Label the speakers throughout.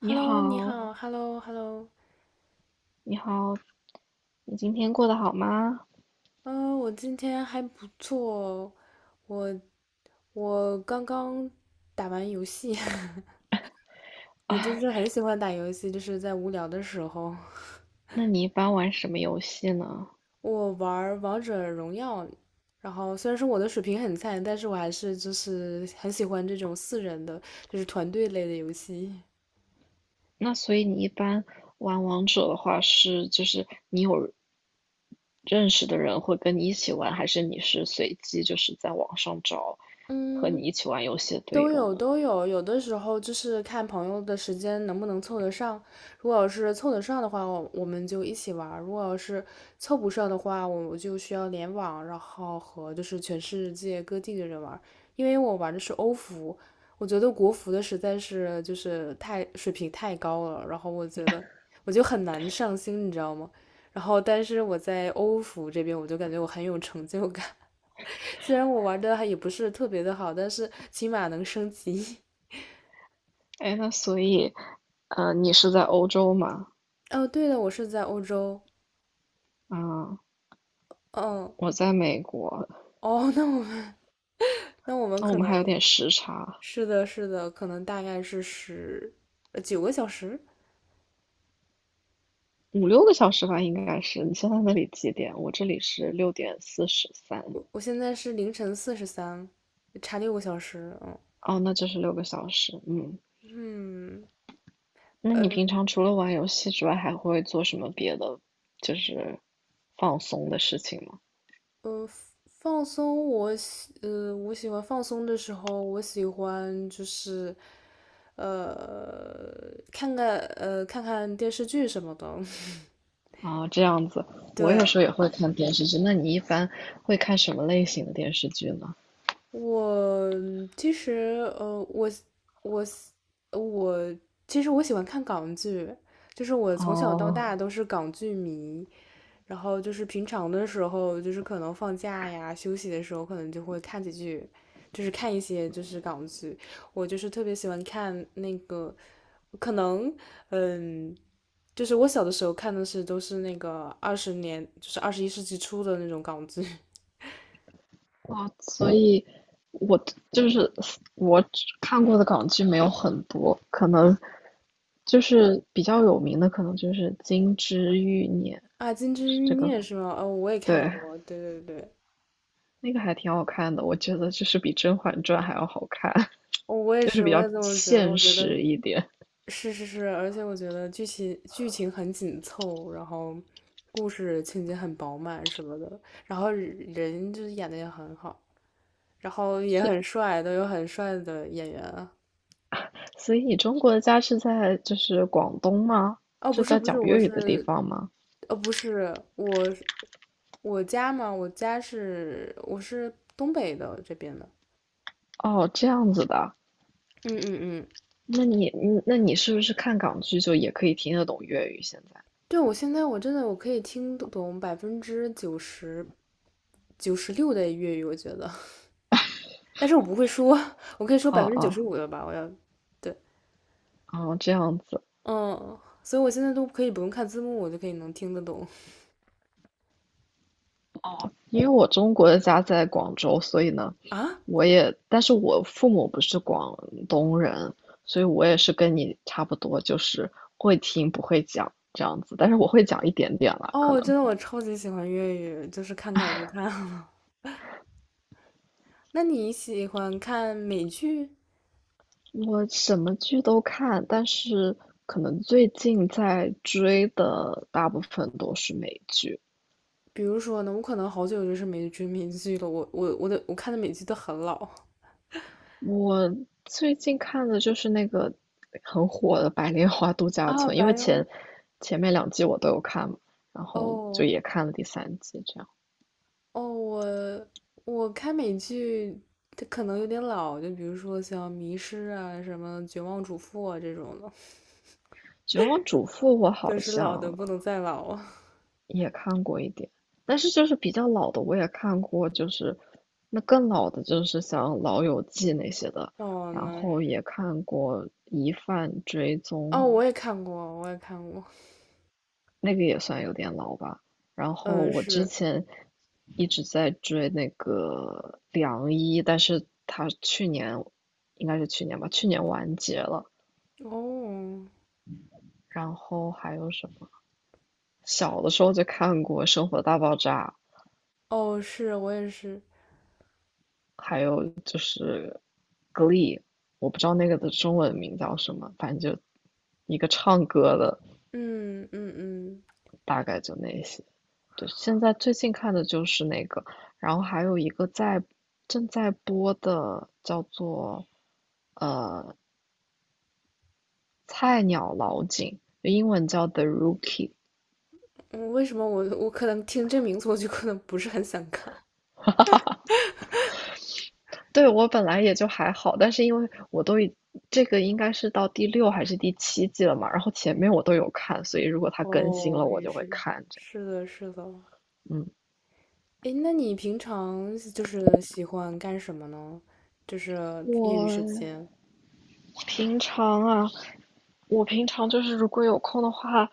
Speaker 1: 你
Speaker 2: Hello，你
Speaker 1: 好，
Speaker 2: 好，Hello，Hello，
Speaker 1: 你好。你今天过得好吗？
Speaker 2: 嗯，我今天还不错哦。我我刚刚打完游戏，我就是很喜欢打游戏，就是在无聊的时候，
Speaker 1: 那你一般玩什么游戏呢？
Speaker 2: 我玩儿王者荣耀，然后虽然说我的水平很菜，但是我还是就是很喜欢这种四人的，就是团队类的游戏。
Speaker 1: 那所以你一般玩王者的话是，就是你有认识的人会跟你一起玩，还是你是随机就是在网上找和
Speaker 2: 嗯，
Speaker 1: 你一起玩游戏的队
Speaker 2: 都
Speaker 1: 友
Speaker 2: 有
Speaker 1: 呢？
Speaker 2: 都有，有的时候就是看朋友的时间能不能凑得上。如果要是凑得上的话，我们就一起玩儿；如果要是凑不上的话，我就需要联网，然后和就是全世界各地的人玩儿。因为我玩的是欧服，我觉得国服的实在是就是太水平太高了，然后我觉得我就很难上心，你知道吗？然后但是我在欧服这边，我就感觉我很有成就感。虽然我玩的还也不是特别的好，但是起码能升级。
Speaker 1: 哎，那所以，你是在欧洲吗？
Speaker 2: 哦，对了，我是在欧洲。
Speaker 1: 啊，
Speaker 2: 嗯，
Speaker 1: 我在美国。
Speaker 2: 哦，那我们 那我们
Speaker 1: 那我
Speaker 2: 可
Speaker 1: 们还有
Speaker 2: 能
Speaker 1: 点时差，
Speaker 2: 是的，是的，可能大概是9个小时。
Speaker 1: 5、6个小时吧，应该是。你现在那里几点？我这里是6:43。
Speaker 2: 我现在是凌晨43，差6个小时。嗯
Speaker 1: 哦，那就是六个小时。嗯。
Speaker 2: 嗯，
Speaker 1: 那你
Speaker 2: 呃，
Speaker 1: 平常除了玩游戏之外，还会做什么别的，就是放松的事情吗？
Speaker 2: 呃，放松我喜欢放松的时候，我喜欢就是，呃，看看电视剧什么的。
Speaker 1: 啊，这样子。我有时
Speaker 2: 对，
Speaker 1: 候也会看电视剧。那你一般会看什么类型的电视剧呢？
Speaker 2: 我其实呃，我我我其实我喜欢看港剧，就是我从小到
Speaker 1: 哦，
Speaker 2: 大都是港剧迷。然后就是平常的时候，就是可能放假呀、休息的时候，可能就会看几句，就是看一些就是港剧。我就是特别喜欢看那个，可能嗯，就是我小的时候看的是都是那个20年，就是21世纪初的那种港剧
Speaker 1: 哇。所以我就是我只看过的港剧没有很多，可能就是比较有名的，可能就是《金枝欲孽》，
Speaker 2: 啊，《金枝
Speaker 1: 是
Speaker 2: 欲
Speaker 1: 这个，
Speaker 2: 孽》是吗？哦，我也看
Speaker 1: 对。
Speaker 2: 过，对对对，
Speaker 1: 那个还挺好看的，我觉得就是比《甄嬛传》还要好看，
Speaker 2: 哦，我也
Speaker 1: 就是
Speaker 2: 是，
Speaker 1: 比
Speaker 2: 我
Speaker 1: 较
Speaker 2: 也这么觉得，
Speaker 1: 现
Speaker 2: 我觉得。
Speaker 1: 实一点。
Speaker 2: 是是是，而且我觉得剧情很紧凑，然后故事情节很饱满什么的，然后人就是演的也很好，然后也很帅，都有很帅的演员啊。
Speaker 1: 所以你中国的家是在就是广东吗？
Speaker 2: 哦，不
Speaker 1: 是
Speaker 2: 是
Speaker 1: 在
Speaker 2: 不是，
Speaker 1: 讲
Speaker 2: 我
Speaker 1: 粤语的地
Speaker 2: 是，
Speaker 1: 方吗？
Speaker 2: 不是，我是我家嘛，我家是我是东北的这边的，
Speaker 1: 哦，这样子的。
Speaker 2: 嗯嗯嗯，
Speaker 1: 那你是不是看港剧就也可以听得懂粤语？现在？
Speaker 2: 对，我现在我真的我可以听懂百分之九十六的粤语，我觉得。但是我不会说，我可以说
Speaker 1: 哦
Speaker 2: 百分之九
Speaker 1: 哦
Speaker 2: 十五的吧，我要，对，
Speaker 1: 哦，这样子。
Speaker 2: 嗯，所以我现在都可以不用看字幕，我就可以能听得懂
Speaker 1: 哦，因为我中国的家在广州，所以呢，
Speaker 2: 啊。
Speaker 1: 但是我父母不是广东人，所以我也是跟你差不多，就是会听不会讲这样子。但是我会讲一点点啦，
Speaker 2: 哦，
Speaker 1: 可
Speaker 2: 我真
Speaker 1: 能
Speaker 2: 的我超级喜欢粤语，就是看港剧看了。那你喜欢看美剧？
Speaker 1: 我什么剧都看，但是可能最近在追的大部分都是美剧。
Speaker 2: 比如说呢，我可能好久就是没追美剧了，我看的美剧都很老
Speaker 1: 我最近看的就是那个很火的《白莲花度假
Speaker 2: 啊
Speaker 1: 村》，因
Speaker 2: 白
Speaker 1: 为
Speaker 2: 羊
Speaker 1: 前面2季我都有看嘛，然后就
Speaker 2: 哦
Speaker 1: 也看了第3季，这样。
Speaker 2: 哦，我看美剧它可能有点老，就比如说像《迷失》啊、什么《绝望主妇》啊这种的。
Speaker 1: 《绝望主妇》我
Speaker 2: 就
Speaker 1: 好
Speaker 2: 是老的
Speaker 1: 像
Speaker 2: 不能再老啊。
Speaker 1: 也看过一点，但是就是比较老的我也看过，就是那更老的，就是像《老友记》那些的，
Speaker 2: 哦，
Speaker 1: 然
Speaker 2: 那
Speaker 1: 后也看过《疑犯追踪》，
Speaker 2: 哦，我也看过，我也看过。
Speaker 1: 那个也算有点老吧。然后
Speaker 2: 嗯，
Speaker 1: 我之
Speaker 2: 是
Speaker 1: 前一直在追那个《良医》，但是他去年应该是去年吧，去年完结了。
Speaker 2: 哦，
Speaker 1: 然后还有什么？小的时候就看过《生活大爆炸》，
Speaker 2: 哦，是我也是。
Speaker 1: 还有 Glee，我不知道那个的中文名叫什么，反正就一个唱歌的，
Speaker 2: 嗯嗯嗯，
Speaker 1: 大概就那些。对，现在最近看的就是那个，然后还有一个正在播的叫做呃菜鸟老警，英文叫 The Rookie。
Speaker 2: 嗯为什么我可能听这名字我就可能不是很想看？
Speaker 1: 对，我本来也就还好，但是因为我都已这个应该是到第6还是第7季了嘛，然后前面我都有看，所以如果它更新
Speaker 2: 哦，
Speaker 1: 了，我
Speaker 2: 也
Speaker 1: 就会
Speaker 2: 是，
Speaker 1: 看着。
Speaker 2: 是的，是的。
Speaker 1: 嗯，
Speaker 2: 诶，那你平常就是喜欢干什么呢？就是业余时
Speaker 1: 我
Speaker 2: 间。
Speaker 1: 平常啊，我平常就是如果有空的话，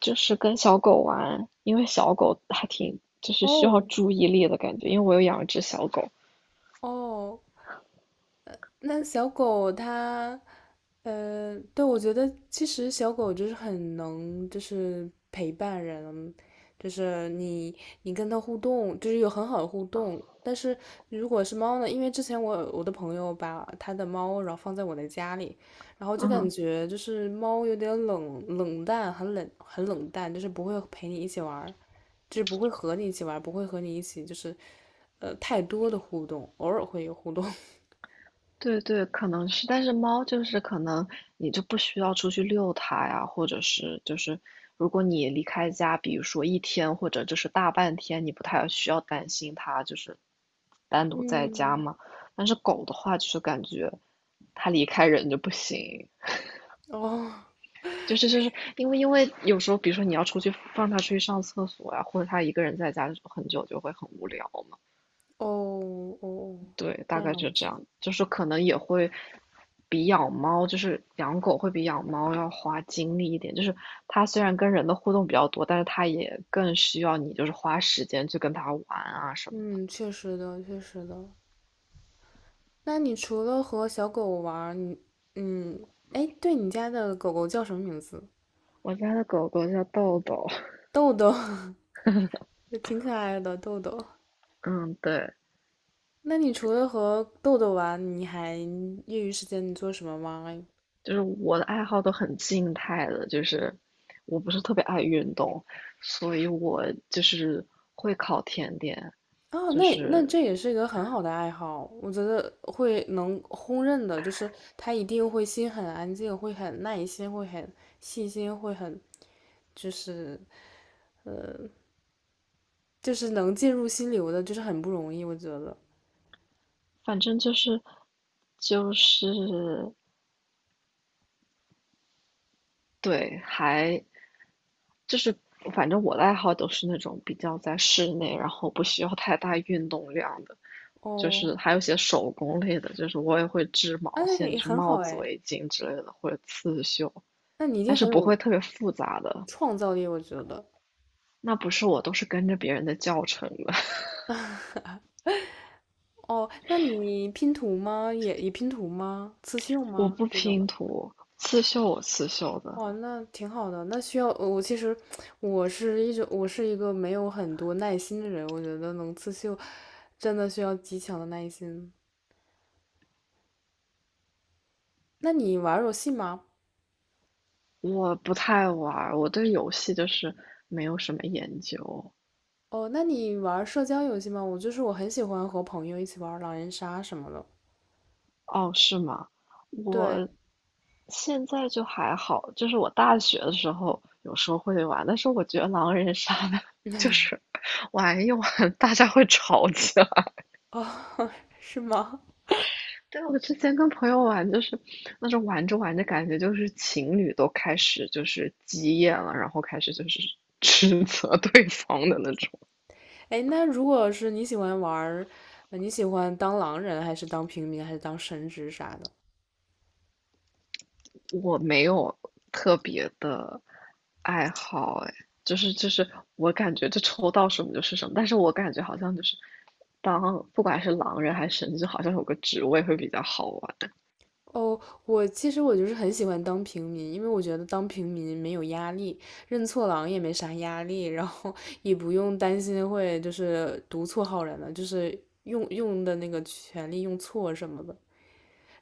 Speaker 1: 就是跟小狗玩，因为小狗还挺就是需要
Speaker 2: 哦
Speaker 1: 注意力的感觉，因为我有养一只小狗。
Speaker 2: 哦，那小狗它，对，我觉得其实小狗就是很能，就是陪伴人，就是你跟它互动，就是有很好的互动。但是如果是猫呢，因为之前我有我的朋友把他的猫然后放在我的家里，然后就感
Speaker 1: 嗯，
Speaker 2: 觉就是猫有点冷淡，很冷很冷淡，就是不会陪你一起玩儿就是不会和你一起玩儿不会和你一起就是，太多的互动，偶尔会有互动。
Speaker 1: 对对，可能是，但是猫就是可能你就不需要出去遛它呀，或者是就是如果你离开家，比如说一天或者就是大半天，你不太需要担心它就是单独在家
Speaker 2: 嗯，
Speaker 1: 嘛。但是狗的话，就是感觉它离开人就不行。
Speaker 2: 哦
Speaker 1: 就是因为有时候，比如说你要出去放它出去上厕所呀，或者它一个人在家很久就会很无聊嘛。
Speaker 2: 哦哦，
Speaker 1: 对，
Speaker 2: 这
Speaker 1: 大
Speaker 2: 样
Speaker 1: 概就
Speaker 2: 子，
Speaker 1: 这样，就是可能也会比养猫，就是养狗会比养猫要花精力一点。就是它虽然跟人的互动比较多，但是它也更需要你就是花时间去跟它玩啊什么的。
Speaker 2: 嗯，确实的，确实的。那你除了和小狗玩儿你嗯，哎，对你家的狗狗叫什么名字？
Speaker 1: 我家的狗狗叫豆豆。
Speaker 2: 豆豆，也挺可爱的豆豆。
Speaker 1: 嗯，对，
Speaker 2: 那你除了和豆豆玩，你还业余时间你做什么吗？
Speaker 1: 就是我的爱好都很静态的，就是我不是特别爱运动，所以我就是会烤甜点，
Speaker 2: 啊，哦
Speaker 1: 就
Speaker 2: 那
Speaker 1: 是
Speaker 2: 这也是一个很好的爱好，我觉得会能公认的，就是他一定会心很安静，会很耐心，会很细心，会很就是就是能进入心流的，就是很不容易，我觉得。
Speaker 1: 反正就是就是对。还就是反正我的爱好都是那种比较在室内，然后不需要太大运动量的，就
Speaker 2: 哦，
Speaker 1: 是还有一些手工类的，就是我也会织
Speaker 2: 啊，
Speaker 1: 毛
Speaker 2: 那
Speaker 1: 线，就
Speaker 2: 也
Speaker 1: 是
Speaker 2: 很
Speaker 1: 帽
Speaker 2: 好
Speaker 1: 子、
Speaker 2: 哎，
Speaker 1: 围巾之类的，或者刺绣，
Speaker 2: 那你一
Speaker 1: 但
Speaker 2: 定
Speaker 1: 是
Speaker 2: 很
Speaker 1: 不会
Speaker 2: 有
Speaker 1: 特别复杂的。
Speaker 2: 创造力，我觉得。
Speaker 1: 那不是，我都是跟着别人的教程的。
Speaker 2: 哦，那你拼图吗？也拼图吗？刺绣
Speaker 1: 我
Speaker 2: 吗？
Speaker 1: 不
Speaker 2: 这种
Speaker 1: 拼
Speaker 2: 的？
Speaker 1: 图，刺绣我刺绣的。
Speaker 2: 哇，那挺好的。那需要我其实我是一个没有很多耐心的人，我觉得能刺绣真的需要极强的耐心。那你玩儿游戏吗？
Speaker 1: 我不太玩儿我对游戏就是没有什么研究。
Speaker 2: 哦，那你玩儿社交游戏吗？我就是我很喜欢和朋友一起玩儿狼人杀什么的。
Speaker 1: 哦，是吗？
Speaker 2: 对，
Speaker 1: 我现在就还好，就是我大学的时候有时候会玩，但是我觉得狼人杀呢，就是 玩一玩大家会吵起来。
Speaker 2: 哦，是吗？
Speaker 1: 对，我之前跟朋友玩，就是那种玩着玩着，感觉就是情侣都开始就是急眼了，然后开始就是 指责对方的那种。
Speaker 2: 哎，那如果是你喜欢玩儿，你喜欢当狼人，还是当平民，还是当神职啥的？
Speaker 1: 我没有特别的爱好，哎，就是我感觉就抽到什么就是什么，但是我感觉好像就是当不管是狼人还是神职，好像有个职位会比较好玩。
Speaker 2: 哦，我其实我就是很喜欢当平民，因为我觉得当平民没有压力，认错狼也没啥压力，然后 也不用担心会就是读错好人了，就是用的那个权利用错什么的。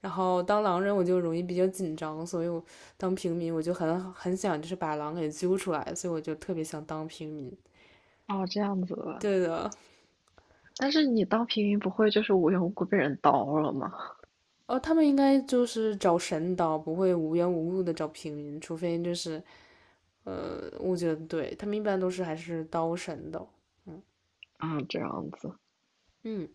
Speaker 2: 然后当狼人我就容易比较紧张，所以我当平民我就很想就是把狼给揪出来，所以我就特别想当平民。
Speaker 1: 哦，这样子的。
Speaker 2: 对的，
Speaker 1: 但是你当平民不会就是无缘无故被人刀了吗？
Speaker 2: 哦，他们应该就是找神刀，不会无缘无故的找平民，除非就是我觉得对他们一般都是还是刀神导。
Speaker 1: 啊，这样子。
Speaker 2: 嗯，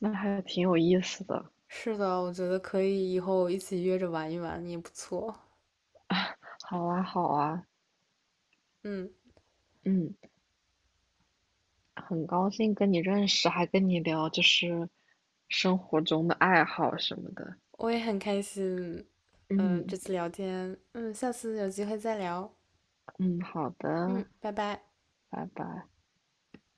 Speaker 1: 那还挺有意思的。
Speaker 2: 是的，我觉得可以以后一起约着玩一玩也不错。
Speaker 1: 好啊，好啊。
Speaker 2: 嗯，
Speaker 1: 嗯，很高兴跟你认识，还跟你聊就是生活中的爱好什么的。
Speaker 2: 我也很开心，嗯、这
Speaker 1: 嗯
Speaker 2: 次聊天，嗯，下次有机会再聊，
Speaker 1: 嗯，好
Speaker 2: 嗯，
Speaker 1: 的。
Speaker 2: 拜拜。
Speaker 1: 拜拜。